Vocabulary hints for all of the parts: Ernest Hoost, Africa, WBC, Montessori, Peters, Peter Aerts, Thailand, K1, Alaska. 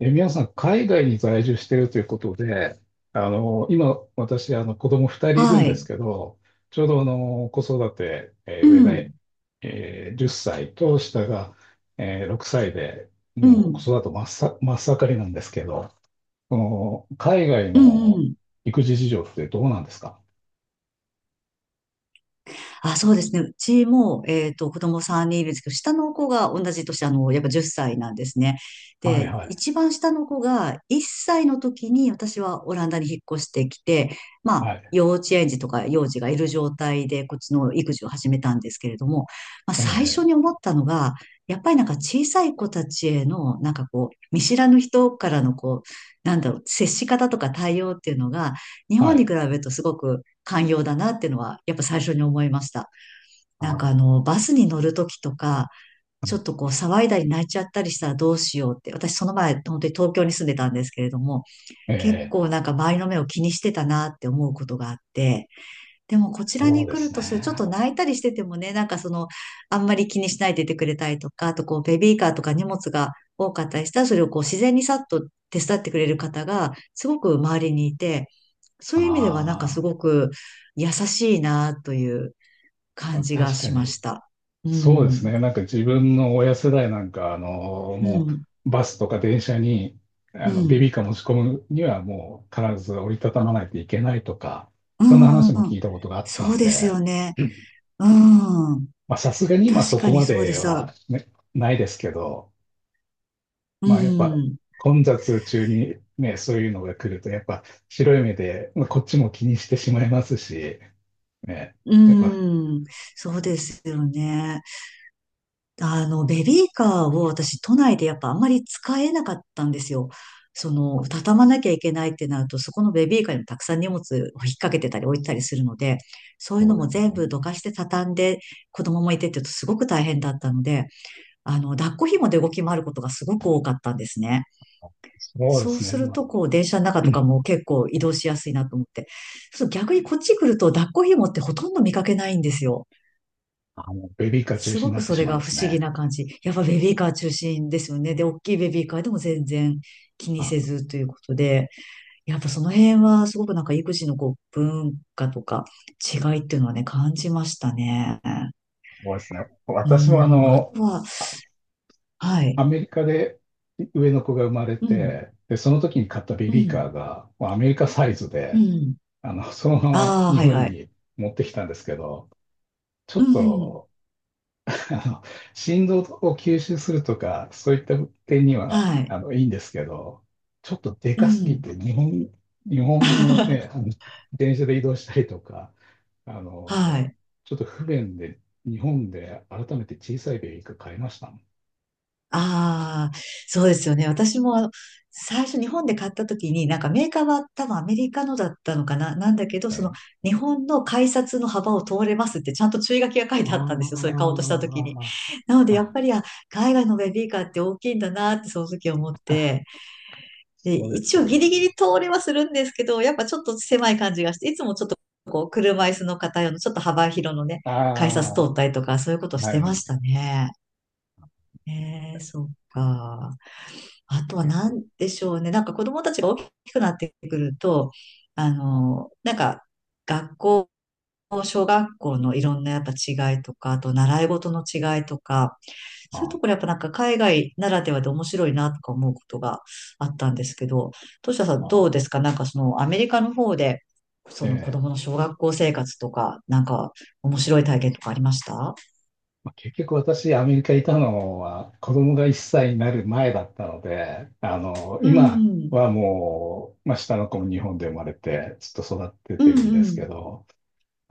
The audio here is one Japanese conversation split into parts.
皆さん、海外に在住してるということで、今、私、子供2人いるはんですい。けど、ちょうど、子育て、う上が、ん。10歳と下が、6歳で、うもう子ん。育て真っ盛りなんですけど、その、海外うんうのん。育児事情ってどうなんですか？あ、そうですね。うちも、子供3人いるんですけど、下の子が同じ年、やっぱ10歳なんですね。はいで、はい、一番下の子が1歳の時に私はオランダに引っ越してきて、まはあ、い、幼稚園児とか幼児がいる状態で、こっちの育児を始めたんですけれども、まあ、最初ええ、に思ったのが、やっぱりなんか小さい子たちへの、なんかこう、見知らぬ人からのこう、なんだろう、接し方とか対応っていうのが、日本はにい、比べるとすごく寛容だなっていうのは、やっぱ最初に思いました。あ、なんかバスに乗るときとか、ちょっとこう騒いだり泣いちゃったりしたらどうしようって、私その前、本当に東京に住んでたんですけれども、結ええ、構なんか周りの目を気にしてたなって思うことがあって、でもこちらそうにで来するとする、ちょっね。と泣いたりしててもね、なんかその、あんまり気にしないでいてくれたりとか、あとこう、ベビーカーとか荷物が多かったりしたら、それをこう、自然にさっと手伝ってくれる方が、すごく周りにいて、そういう意味ではなんかすあごく優しいなという感あ、じが確かしまに。した。うそうですん、ね。なんか自分の親世代なんか、うもん、うバスとか電車に、うベビん、ーカー持ち込むにはもう必ず折りたたまないといけないとか、うそんな話も聞いん。たことがあったそんうですで、よね。うん。まあさすがに今確そかこにまそうででさ、は、ね、ないですけど、うまあやっぱん、混雑中にね、そういうのが来ると、やっぱ白い目で、まあ、こっちも気にしてしまいますし、ね、うやっぱん。そうですよね。ベビーカーを私、都内でやっぱあんまり使えなかったんですよ。その、畳まなきゃいけないってなると、そこのベビーカーにもたくさん荷物を引っ掛けてたり置いてたりするので、そういそううのもで全部どかして畳んで、子供もいてって言うとすごく大変だったので、抱っこ紐で動き回ることがすごく多かったんですね。そうでそうすね。するまあ、と、こう、電車の中とかも結構移動しやすいなと思って。そう、逆にこっち来ると抱っこ紐ってほとんど見かけないんですよ。ベビーカー中す止ごになくってそしれまうんがで不す思議ね。な感じ。やっぱベビーカー中心ですよね。で、大きいベビーカーでも全然気にせずということで、やっぱその辺はすごくなんか育児のこう文化とか違いっていうのはね、感じましたね。そうですね。う私もん、あとは、あはい。アメリカで上の子が生まれうん、て、で、その時に買ったベうビーん、カーが、もうアメリカサイズうで、ん。そのままああ、日はい本はい。に持ってきたんですけど、ちょうっん、とあの、振動を吸収するとか、そういった点には、はい。いいんですけど、ちょっとでうかすぎん。て、日本のね、電車で移動したりとか、あはの、い。ちょっと不便で、日本で改めて小さいベビーカー買いましたもんああ、そうですよね。私も最初日本で買った時に、なんかメーカーは多分アメリカのだったのかな、なんだけど、そのね。日本の改札の幅を通れますってちゃんと注意書きが書いあてあったんですよ。それー、買おうとした時に。あなのでやっあ、ぱり、あ、海外のベビーカーって大きいんだなってその時思っあ、て、で、そうで一す応よね。ギリギリ通れはするんですけど、やっぱちょっと狭い感じがして、いつもちょっとこう車椅子の方用のちょっと幅広のね、あ改あ、札通はったりとかそういうことしてまい、したね。ええ、そうか。あとは結構。何でしょうね。なんか子供たちが大きくなってくると、なんか学校、小学校のいろんなやっぱ違いとか、あと習い事の違いとか、そういうところあやっぱなんか海外ならではで面白いなとか思うことがあったんですけど、トシタさんどうあ、ですか、なんかそのアメリカの方で、その子え供え。の小学校生活とか、なんか面白い体験とかありました？まあ結局私、アメリカにいたのは子供が1歳になる前だったので、う今ん、はもう、まあ、下の子も日本で生まれてずっと育てうてん、るんでうすけん、ど、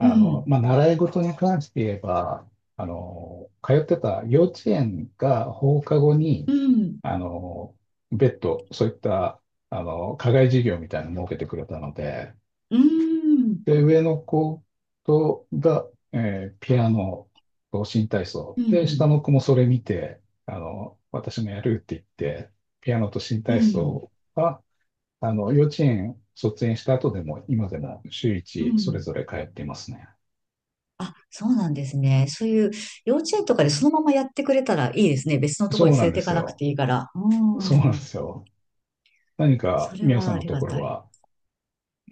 うの、ん、まあ、習い事に関して言えば、通ってた幼稚園が放課後に、うん、あの、別途、そういった、課外授業みたいなのを設けてくれたので、うん、うん。で、上の子とが、ピアノと新体操。うで、下んの子もそれ見て、私もやるって言って、ピアノと新う体ん、操は、幼稚園卒園した後でも、今でも週う一それん。ぞれ通っていますね。あ、そうなんですね。そういう幼稚園とかでそのままやってくれたらいいですね。別のところそうにな連んれでていすかなくよ。ていいから。うそうなんでん。すよ。何そか、れみおさはんあのりとがころたい。は、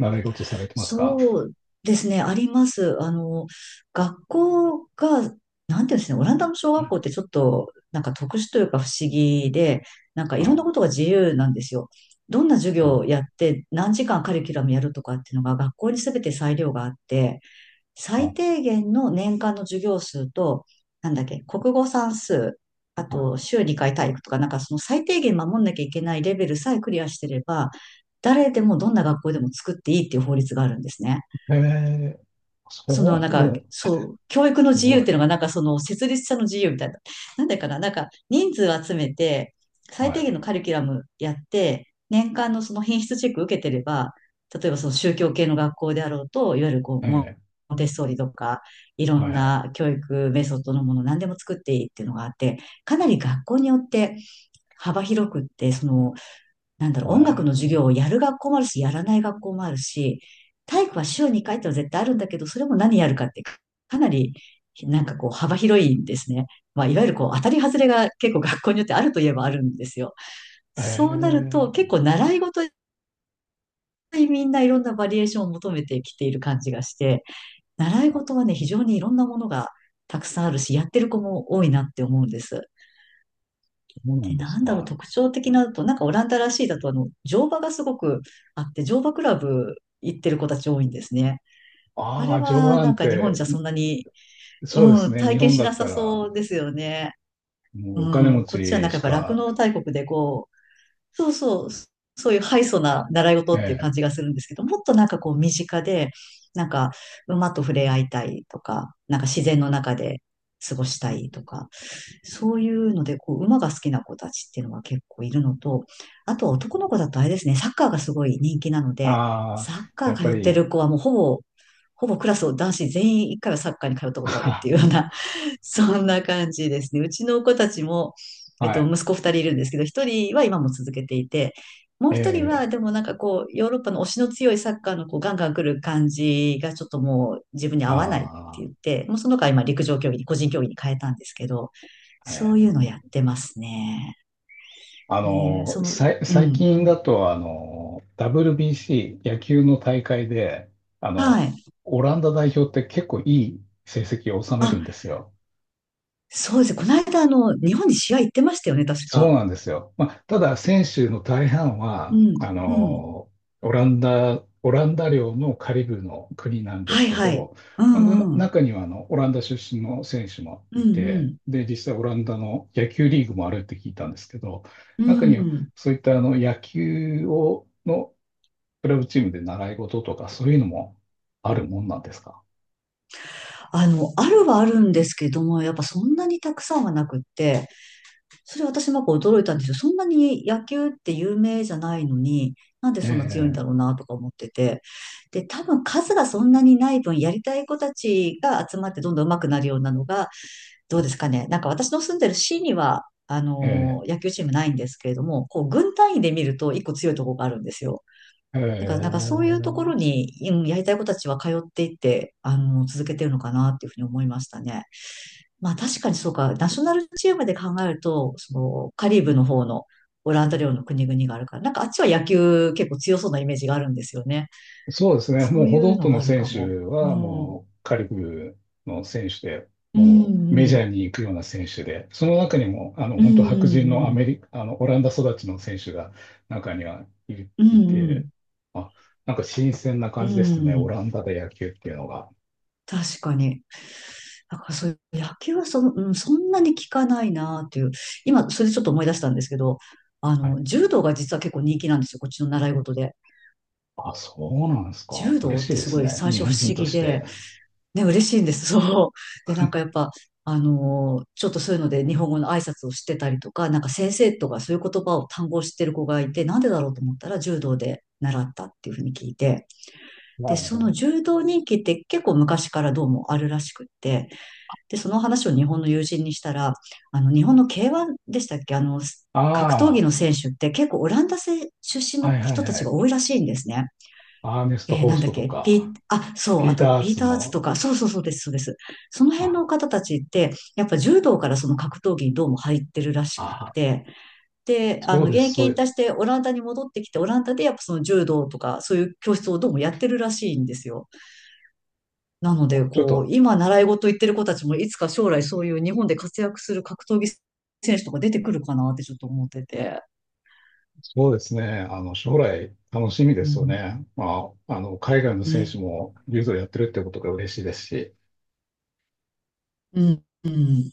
習い事されてますか？そうですね。あります。学校が、なんていうんですね。オランダの小学校ってちょっと、なんか特殊というか不思議で、なんかいはろんい。なことが自由なんですよ。どんな授お業をー、やって、何時間カリキュラムやるとかっていうのが学校に全て裁量があって、最あ、低限の年間の授業数と、なんだっけ、国語算数、あはと週2回体育とか、なんかその最低限守んなきゃいけないレベルさえクリアしてれば、誰でもどんな学校でも作っていいっていう法律があるんですね。い、ええ、そそのなんう、か、もう、そう、教育のす自由ごっい。ていうのがなんかその設立者の自由みたいな。なんだかななんか人数を集めて、最は低い。限のカリキュラムやって、年間のその品質チェック受けてれば、例えばその宗教系の学校であろうと、いわゆるこう、モえンテッソーリとか、いろー、はんいはい。な教育メソッドのもの何でも作っていいっていうのがあって、かなり学校によって幅広くって、そのなんだろう、音楽の授業ええをやる学校もあるし、やらない学校もあるし、体育は週2回ってのは絶対あるんだけど、それも何やるかってかかなり、なんかこう幅広いんですね。まあ、いわゆるこう当たり外れが結構学校によってあるといえばあるんですよ。えそうなると結え、構習い事にみんないろんなバリエーションを求めてきている感じがして、習い事はね、非常にいろんなものがたくさんあるし、やってる子も多いなって思うんです。そうなで、んでなすんだろう、か。特徴的なのと、なんかオランダらしいだと、乗馬がすごくあって、乗馬クラブ行ってる子たち多いんですね。ああれあ、乗馬は、ななんんか日本て。じゃそんなに、そうでうすん、ね、体日験本しだなったさら、そうですよね。もうお金う持ん、こっちはなちんかしやっぱ酪か。農大国で、そうそう、そういう敗訴な習いえ事っていうえ。感じがするんですけど、もっとなんかこう身近で、なんか馬と触れ合いたいとか、なんか自然の中で過ごしたいとか、そういうので、こう馬が好きな子たちっていうのが結構いるのと、あとは男の子だとあれですね、サッカーがすごい人気なので、ああ、サッカやーっぱ通ってり。る子はもうほぼ、クラスを男子全員一回はサッカーに通ったことあるっ てあ、いうような、そんな感じですね。うちの子たちも、はい、息子二人いるんですけど、一人は今も続けていて、もうえ一人は、でえ、もなんかこう、ヨーロッパの推しの強いサッカーのこうガンガン来る感じがちょっともう自分に合わないってあ言って、もうその子は今陸上競技に、個人競技に変えたんですけど、あ、そうえいうえ。のやってますね。えその、う最ん。近だと、WBC 野球の大会で、あはの、い。オランダ代表って結構いい成績を収めるんであ、すよ。そうですね。この間、日本に試合行ってましたよね、確そうか。なんですよ。まあ、ただ、選手の大半うは、ん、うん。オランダ領のカリブの国なんではすい、けはい。ど、うまあ、ん、うん。中にはオランダ出身の選手もういん、うて、ん。で、実際オランダの野球リーグもあるって聞いたんですけど、う中にはん。そういった野球をのクラブチームで習い事とかそういうのもあるもんなんですか？あるはあるんですけども、やっぱそんなにたくさんはなくって、それ私もやっぱ驚いたんですよ。そんなに野球って有名じゃないのに、なんでそんな強いんえだえ、ろうなとか思ってて。で、多分数がそんなにない分、やりたい子たちが集まってどんどん上手くなるようなのが、どうですかね。なんか私の住んでる市には、あえの野球チームないんですけれども、こう、軍単位で見ると一個強いところがあるんですよ。え、だから、なんかそういうところええ。に、うんやりたい子たちは通っていって、続けてるのかなっていうふうに思いましたね。まあ確かにそうか、ナショナルチームで考えると、そのカリブの方のオランダ領の国々があるから、なんかあっちは野球結構強そうなイメージがあるんですよね。そうですね。そもうういほとうんのどがのある選か手も。うはん。もうカリブルの選手で、うんもううメジャん。ーに行くような選手で、その中にも、うん本当う白人んのうアん。メリカ、あの、オランダ育ちの選手が中にはいういんうて、ん。あ、なんか新鮮なう感じですね。オん。ランダで野球っていうのが。確かに。だからそういう野球はその、うん、そんなに効かないなっていう。今、それでちょっと思い出したんですけど、はい。柔道が実は結構人気なんですよ。こっちの習い事で。あ、そうなんですか。柔道嬉っしいてですすごいね。最日初不本人思と議しで、て。ね、嬉しいんです。そう。で、なんかやっぱ、ちょっとそういうので日本語の挨拶をしてたりとか、なんか先生とかそういう言葉を単語を知ってる子がいて、なんでだろうと思ったら柔道で習ったっていうふうに聞いて、はで、そい。の柔道人気って結構昔からどうもあるらしくって、で、その話を日本の友人にしたら、日本の K1 でしたっけ、ああ、格闘技のは選手って結構オランダ出身いはのい人たはちがい。多いらしいんですね。アーネスト・ホーなんスだっトとけ、か、あ、そう、ピあーと、ター・アーピーツターズとも。か、そうそうそうです、そうです。その辺あ、の方たちって、やっぱ柔道からその格闘技にどうも入ってるらしくっああ、て、で、そう現です。役そうい引う、退してオランダに戻ってきて、オランダでやっぱその柔道とか、そういう教室をどうもやってるらしいんですよ。なので、ちょっこう、と、今習い事行ってる子たちも、いつか将来そういう日本で活躍する格闘技選手とか出てくるかなってちょっと思ってて。そうですね。将来楽しみでうすよん。ね。まあ、海外のう選ん。手も柔道やってるってことが嬉しいですし。うん。うん